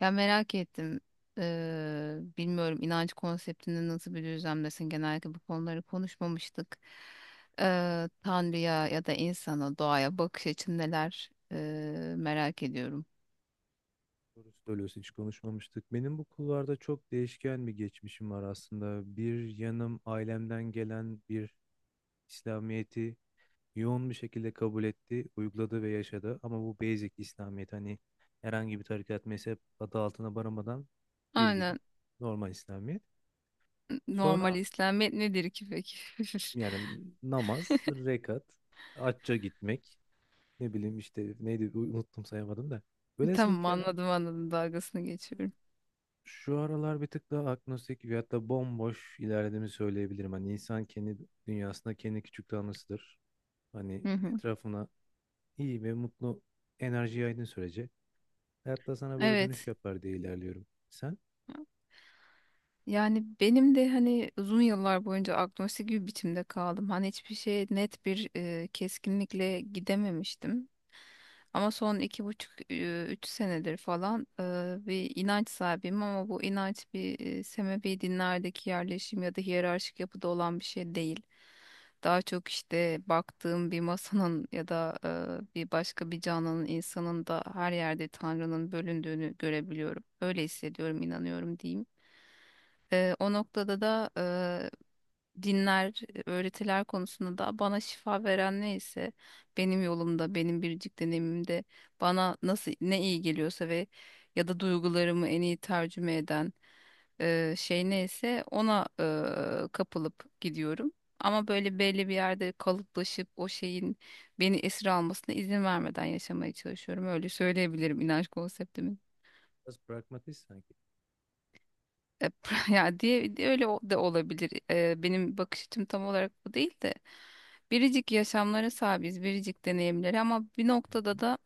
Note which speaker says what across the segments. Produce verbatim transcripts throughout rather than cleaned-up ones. Speaker 1: Ya merak ettim. Ee, bilmiyorum inanç konseptinde nasıl bir düzlemdesin. Genellikle bu konuları konuşmamıştık. Ee, Tanrı'ya ya da insana, doğaya bakış açın neler Ee, merak ediyorum.
Speaker 2: Doğru söylüyorsun, hiç konuşmamıştık. Benim bu kulvarda çok değişken bir geçmişim var aslında. Bir yanım ailemden gelen bir İslamiyet'i yoğun bir şekilde kabul etti, uyguladı ve yaşadı. Ama bu basic İslamiyet, hani herhangi bir tarikat mezhep adı altına baramadan bildiğim
Speaker 1: Aynen.
Speaker 2: normal İslamiyet. Sonra
Speaker 1: Normal İslamiyet nedir ki peki?
Speaker 2: yani namaz, rekat, hacca gitmek, ne bileyim işte neydi, unuttum sayamadım da. Velhasıl
Speaker 1: Tamam,
Speaker 2: kelam,
Speaker 1: anladım anladım, dalgasını geçiyorum.
Speaker 2: şu aralar bir tık daha agnostik ve hatta bomboş ilerlediğimi söyleyebilirim. Hani insan kendi dünyasında kendi küçük tanrısıdır. Hani
Speaker 1: Hı hı.
Speaker 2: etrafına iyi ve mutlu enerji yaydığın sürece hayatta sana böyle dönüş
Speaker 1: Evet.
Speaker 2: yapar diye ilerliyorum. Sen
Speaker 1: Yani benim de hani uzun yıllar boyunca agnostik bir biçimde kaldım. Hani hiçbir şeye net bir e, keskinlikle gidememiştim. Ama son iki buçuk, e, üç senedir falan e, bir inanç sahibiyim ama bu inanç bir e, sebebi dinlerdeki yerleşim ya da hiyerarşik yapıda olan bir şey değil. Daha çok işte baktığım bir masanın ya da e, bir başka bir canlının, insanın da her yerde Tanrı'nın bölündüğünü görebiliyorum. Öyle hissediyorum, inanıyorum diyeyim. Eee, o noktada da eee, dinler, öğretiler konusunda da bana şifa veren neyse benim yolumda, benim biricik deneyimimde bana nasıl ne iyi geliyorsa ve ya da duygularımı en iyi tercüme eden eee, şey neyse ona eee, kapılıp gidiyorum. Ama böyle belli bir yerde kalıplaşıp o şeyin beni esir almasına izin vermeden yaşamaya çalışıyorum. Öyle söyleyebilirim inanç konseptimi.
Speaker 2: biraz pragmatist sanki.
Speaker 1: E, Ya diye diye öyle o- da olabilir. E, benim bakış açım tam olarak bu değil de biricik yaşamlara sahibiz, biricik deneyimlere ama bir
Speaker 2: Hı
Speaker 1: noktada
Speaker 2: hı.
Speaker 1: da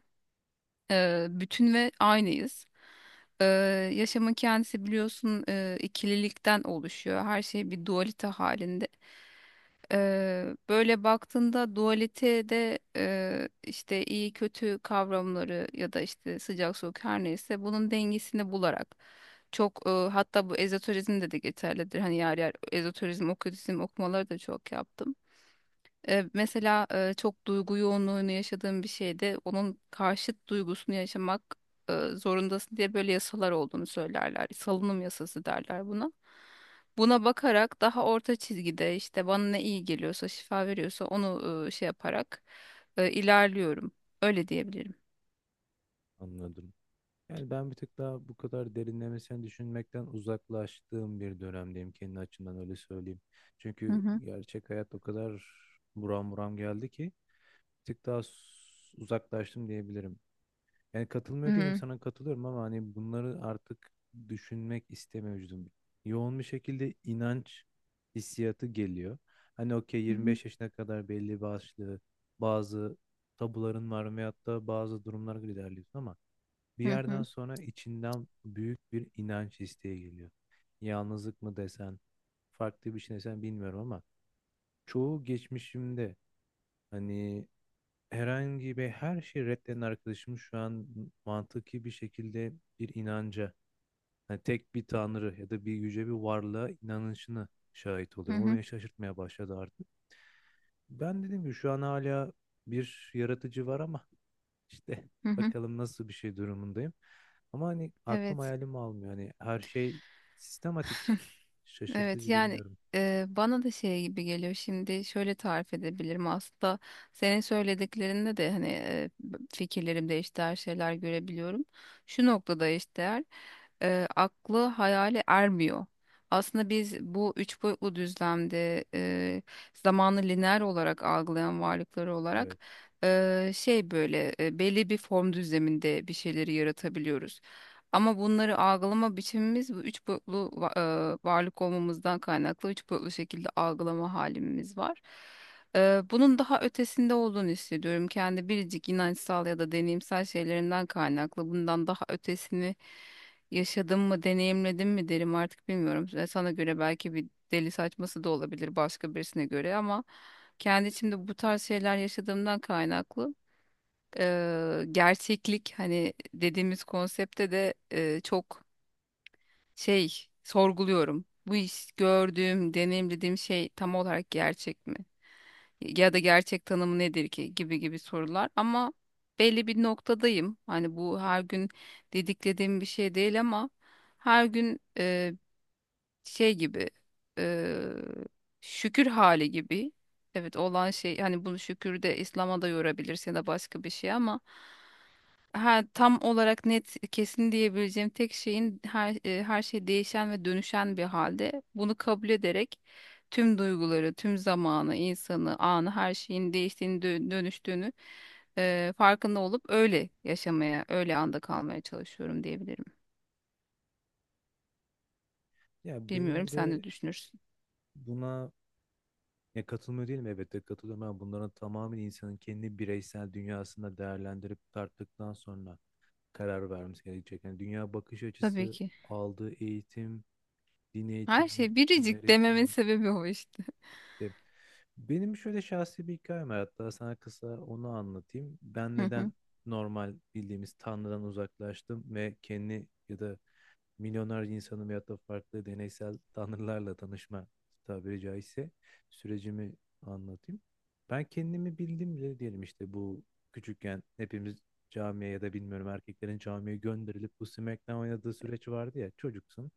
Speaker 1: e, bütün ve aynıyız. E, Yaşamın kendisi biliyorsun e, ikililikten oluşuyor. Her şey bir dualite halinde. Eee, böyle baktığında dualitede eee, işte iyi kötü kavramları ya da işte sıcak soğuk her neyse bunun dengesini bularak çok eee, hatta bu ezoterizm de de geçerlidir. Hani yer yer ezoterizm, okültizm okumaları da çok yaptım. E, mesela e, çok duygu yoğunluğunu yaşadığın bir şeyde onun karşıt duygusunu yaşamak e, zorundasın diye böyle yasalar olduğunu söylerler. Salınım yasası derler buna. Buna bakarak daha orta çizgide işte bana ne iyi geliyorsa, şifa veriyorsa onu e, şey yaparak e, ilerliyorum. Öyle diyebilirim.
Speaker 2: Anladım. Yani ben bir tık daha bu kadar derinlemesine düşünmekten uzaklaştığım bir dönemdeyim, kendi açımdan öyle söyleyeyim.
Speaker 1: Hı
Speaker 2: Çünkü
Speaker 1: hı.
Speaker 2: gerçek hayat o kadar buram buram geldi ki bir tık daha s- uzaklaştım diyebilirim. Yani
Speaker 1: Hı
Speaker 2: katılmıyor değilim,
Speaker 1: hı.
Speaker 2: sana katılıyorum ama hani bunları artık düşünmek istemiyor vücudum. Yoğun bir şekilde inanç hissiyatı geliyor. Hani okey,
Speaker 1: Hı hı.
Speaker 2: yirmi beş yaşına kadar belli başlı bazı tabuların var veyahut da bazı durumlar ilerliyorsun ama bir
Speaker 1: Hı
Speaker 2: yerden
Speaker 1: hı.
Speaker 2: sonra içinden büyük bir inanç isteği geliyor. Yalnızlık mı desen, farklı bir şey desen bilmiyorum ama çoğu geçmişimde hani herhangi bir her şeyi reddeden arkadaşım şu an mantıki bir şekilde bir inanca, hani tek bir tanrı ya da bir yüce bir varlığa inanışını şahit
Speaker 1: Hı
Speaker 2: oluyorum. O
Speaker 1: hı.
Speaker 2: beni şaşırtmaya başladı artık. Ben dedim ki şu an hala bir yaratıcı var ama işte
Speaker 1: Hı hı.
Speaker 2: bakalım nasıl bir şey durumundayım. Ama hani aklım
Speaker 1: Evet.
Speaker 2: hayalim almıyor. Hani her şey sistematik.
Speaker 1: Evet,
Speaker 2: Şaşırtıcı,
Speaker 1: yani
Speaker 2: bilmiyorum.
Speaker 1: e, bana da şey gibi geliyor şimdi şöyle tarif edebilirim aslında senin söylediklerinde de hani e, fikirlerimde eşdeğer şeyler görebiliyorum. Şu noktada eşdeğer e, aklı hayale ermiyor. Aslında biz bu üç boyutlu düzlemde e, zamanı lineer olarak algılayan varlıkları olarak
Speaker 2: Evet.
Speaker 1: e, şey böyle e, belli bir form düzleminde bir şeyleri yaratabiliyoruz. Ama bunları algılama biçimimiz bu üç boyutlu va- e, varlık olmamızdan kaynaklı üç boyutlu şekilde algılama halimiz var. E, bunun daha ötesinde olduğunu hissediyorum. Kendi biricik inançsal ya da deneyimsel şeylerimden kaynaklı. Bundan daha ötesini yaşadım mı, deneyimledim mi derim artık bilmiyorum. E, Sana göre belki bir deli saçması da olabilir başka birisine göre ama kendi içimde bu tarz şeyler yaşadığımdan kaynaklı e, gerçeklik hani dediğimiz konsepte de e, çok şey sorguluyorum. Bu iş gördüğüm, deneyimlediğim şey tam olarak gerçek mi? Ya da gerçek tanımı nedir ki gibi gibi sorular ama belli bir noktadayım. Hani bu her gün dediklediğim bir şey değil ama her gün e, şey gibi e, şükür hali gibi. Evet olan şey hani bunu şükür de İslam'a da yorabilirsin ya da başka bir şey ama ha, tam olarak net kesin diyebileceğim tek şeyin her, e, her şey değişen ve dönüşen bir halde bunu kabul ederek tüm duyguları, tüm zamanı, insanı, anı her şeyin değiştiğini, dö- dönüştüğünü e, farkında olup öyle yaşamaya, öyle anda kalmaya çalışıyorum diyebilirim.
Speaker 2: Ya
Speaker 1: Bilmiyorum,
Speaker 2: benim
Speaker 1: sen
Speaker 2: de
Speaker 1: ne düşünürsün?
Speaker 2: buna, ya katılmıyor değilim, elbette katılıyorum ama bunların tamamen insanın kendi bireysel dünyasında değerlendirip tarttıktan sonra karar vermesi gerekecek. Yani dünya bakış
Speaker 1: Tabii
Speaker 2: açısı,
Speaker 1: ki.
Speaker 2: aldığı eğitim, din
Speaker 1: Her
Speaker 2: eğitimi,
Speaker 1: şey
Speaker 2: dinler
Speaker 1: biricik
Speaker 2: eğitimi,
Speaker 1: dememin sebebi o işte.
Speaker 2: işte benim şöyle şahsi bir hikayem var, hatta sana kısa onu anlatayım. Ben
Speaker 1: Hı hı.
Speaker 2: neden normal bildiğimiz Tanrı'dan uzaklaştım ve kendi ya da milyonlarca insanın veyahut da farklı deneysel tanrılarla tanışma, tabiri caizse, sürecimi anlatayım. Ben kendimi bildim bile diyelim, işte bu küçükken hepimiz camiye ya da bilmiyorum, erkeklerin camiye gönderilip bu SmackDown oynadığı süreç vardı ya, çocuksun,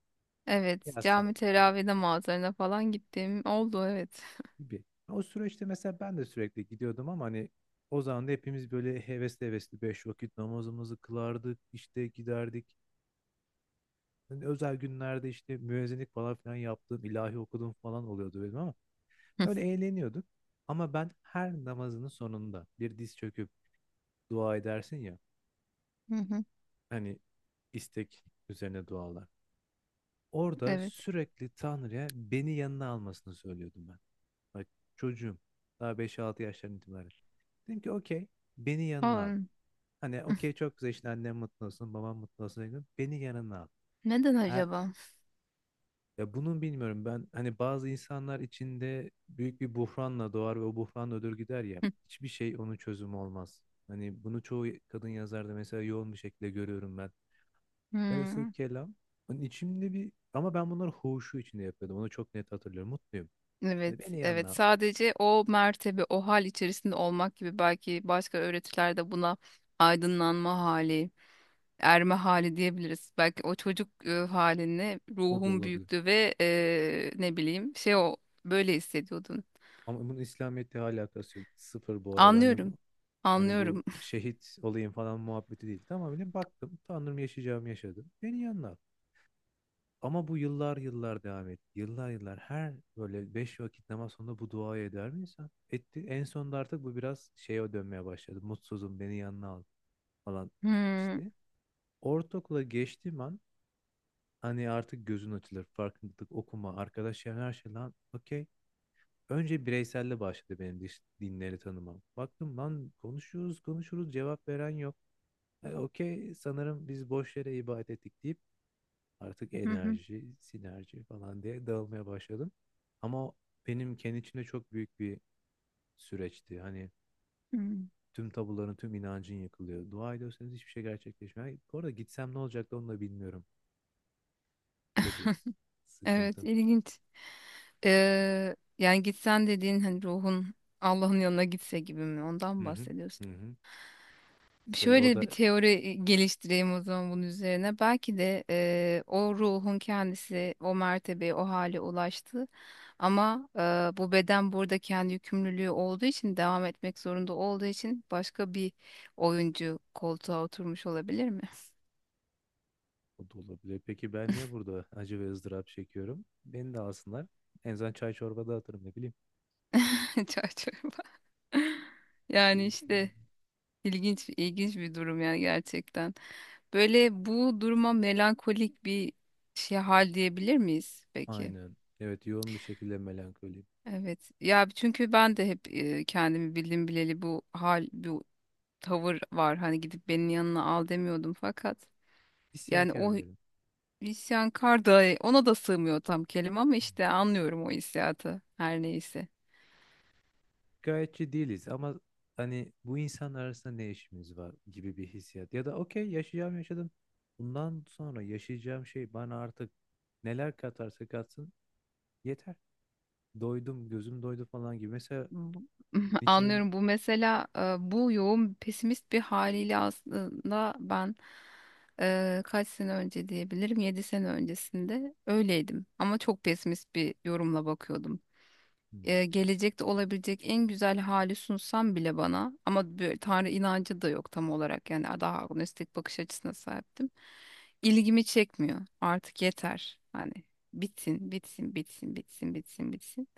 Speaker 1: Evet,
Speaker 2: yaz
Speaker 1: cami
Speaker 2: tatili
Speaker 1: teravide mağazalarına falan gittiğim oldu, evet.
Speaker 2: gibi. O süreçte mesela ben de sürekli gidiyordum ama hani o zaman da hepimiz böyle hevesli hevesli beş vakit namazımızı kılardık, işte giderdik. Ben özel günlerde işte müezzinlik falan filan yaptığım, ilahi okuduğum falan oluyordu benim ama öyle eğleniyorduk. Ama ben her namazının sonunda bir diz çöküp dua edersin ya,
Speaker 1: Hı hı.
Speaker 2: hani istek üzerine dualar. Orada
Speaker 1: Evet.
Speaker 2: sürekli Tanrı'ya beni yanına almasını söylüyordum ben. Bak, çocuğum, daha beş altı yaşlarından itibaren. Dedim ki okey, beni yanına al.
Speaker 1: Oldu.
Speaker 2: Hani okey, çok güzel işte, annem mutlu olsun, babam mutlu olsun, dedim. Beni yanına al.
Speaker 1: Neden
Speaker 2: Her,
Speaker 1: acaba?
Speaker 2: ya bunun bilmiyorum, ben hani bazı insanlar içinde büyük bir buhranla doğar ve o buhran ödür gider ya. Hiçbir şey onun çözümü olmaz. Hani bunu çoğu kadın yazarda mesela yoğun bir şekilde görüyorum ben. Velhasıl
Speaker 1: Hmm.
Speaker 2: kelam, hani içimde bir, ama ben bunları huşu içinde yapıyordum. Onu çok net hatırlıyorum. Mutluyum.
Speaker 1: Evet,
Speaker 2: Hani beni iyi,
Speaker 1: evet. Sadece o mertebe, o hal içerisinde olmak gibi belki başka öğretilerde buna aydınlanma hali, erme hali diyebiliriz. Belki o çocuk e, halini
Speaker 2: o da
Speaker 1: ruhun
Speaker 2: olabilir.
Speaker 1: büyüktü ve e, ne bileyim şey o böyle hissediyordun.
Speaker 2: Ama bunun İslamiyet'le alakası yok. Sıfır bu arada. Hani
Speaker 1: Anlıyorum,
Speaker 2: bu, hani bu
Speaker 1: anlıyorum.
Speaker 2: şehit olayım falan muhabbeti değil. Tamamen baktım. Tanrım, yaşayacağımı yaşadım. Beni iyi anla. Ama bu yıllar yıllar devam etti. Yıllar yıllar her böyle beş vakit namaz sonunda bu duayı eder mi insan? Etti. En sonunda artık bu biraz şeye dönmeye başladı. Mutsuzum, beni yanına al falan
Speaker 1: Hmm.
Speaker 2: işte. Ortaokula geçtiğim an hani artık gözün açılır. Farkındalık, okuma, arkadaş çevren, her şey, lan okey. Önce bireyselle başladı benim diş- dinleri tanımam. Baktım lan, konuşuyoruz konuşuruz, cevap veren yok. E, okey, sanırım biz boş yere ibadet ettik, deyip artık
Speaker 1: Hı hı,
Speaker 2: enerji, sinerji falan diye dağılmaya başladım. Ama benim kendi içimde çok büyük bir süreçti. Hani
Speaker 1: hı.
Speaker 2: tüm tabuların, tüm inancın yıkılıyor. Dua ediyorsanız hiçbir şey gerçekleşmiyor. Ay, bu arada gitsem ne olacaktı, onu da bilmiyorum. Bu da bir
Speaker 1: Evet,
Speaker 2: sıkıntım.
Speaker 1: ilginç. Ee, yani gitsen dediğin hani ruhun Allah'ın yanına gitse gibi mi? Ondan
Speaker 2: Hı
Speaker 1: mı
Speaker 2: hı,
Speaker 1: bahsediyorsun?
Speaker 2: hı hı. Böyle
Speaker 1: Şöyle bir
Speaker 2: orada
Speaker 1: teori geliştireyim o zaman bunun üzerine. Belki de eee, o ruhun kendisi o mertebeye, o hale ulaştı. Ama eee, bu beden burada kendi yükümlülüğü olduğu için, devam etmek zorunda olduğu için başka bir oyuncu koltuğa oturmuş olabilir mi?
Speaker 2: o da olabilir. Peki ben niye burada acı ve ızdırap çekiyorum? Beni de alsınlar. En azından çay çorba dağıtırım, ne bileyim.
Speaker 1: Çay çorba. Yani işte ilginç ilginç bir durum yani gerçekten. Böyle bu duruma melankolik bir şey hal diyebilir miyiz peki?
Speaker 2: Aynen. Evet, yoğun bir şekilde melankoliyim.
Speaker 1: Evet. Ya çünkü ben de hep e, kendimi bildim bileli bu hal, bu tavır var. Hani gidip benim yanına al demiyordum fakat yani
Speaker 2: İsyankar
Speaker 1: o
Speaker 2: diyelim.
Speaker 1: isyankar da ona da sığmıyor tam kelime ama işte anlıyorum o hissiyatı her neyse.
Speaker 2: Gayetçi değiliz ama hani bu insanlar arasında ne işimiz var gibi bir hissiyat. Ya da okey, yaşayacağım yaşadım. Bundan sonra yaşayacağım şey bana artık neler katarsa katsın, yeter. Doydum, gözüm doydu falan gibi. Mesela
Speaker 1: Bu-
Speaker 2: Nietzsche'nin,
Speaker 1: Anlıyorum, bu mesela e, bu yoğun pesimist bir haliyle aslında ben e, kaç sene önce diyebilirim yedi sene öncesinde öyleydim ama çok pesimist bir yorumla bakıyordum
Speaker 2: hmm,
Speaker 1: e, gelecekte olabilecek en güzel hali sunsam bile bana ama böyle Tanrı inancı da yok tam olarak yani daha agnostik bakış açısına sahiptim. İlgimi çekmiyor. Artık yeter. Hani bitsin, bitsin, bitsin, bitsin, bitsin, bitsin.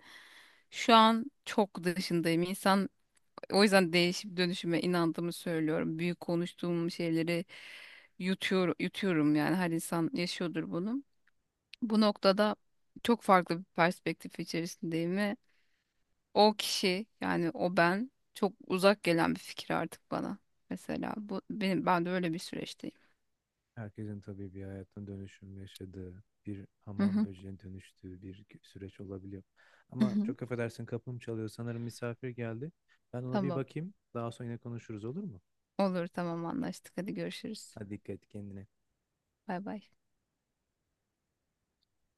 Speaker 1: Şu an çok dışındayım. İnsan o yüzden değişip dönüşüme inandığımı söylüyorum. Büyük konuştuğum şeyleri yutuyor, yutuyorum yani her insan yaşıyordur bunu. Bu noktada çok farklı bir perspektif içerisindeyim o kişi yani o ben çok uzak gelen bir fikir artık bana. Mesela bu benim ben de öyle bir süreçteyim.
Speaker 2: herkesin tabii bir hayatın dönüşüm yaşadığı, bir
Speaker 1: Hı
Speaker 2: hamam
Speaker 1: hı.
Speaker 2: böceğine dönüştüğü bir gü- süreç olabiliyor.
Speaker 1: Hı
Speaker 2: Ama
Speaker 1: hı.
Speaker 2: çok affedersin, kapım çalıyor. Sanırım misafir geldi. Ben ona bir
Speaker 1: Tamam.
Speaker 2: bakayım. Daha sonra yine konuşuruz, olur mu?
Speaker 1: Olur, tamam, anlaştık. Hadi görüşürüz.
Speaker 2: Hadi dikkat et kendine.
Speaker 1: Bay bay.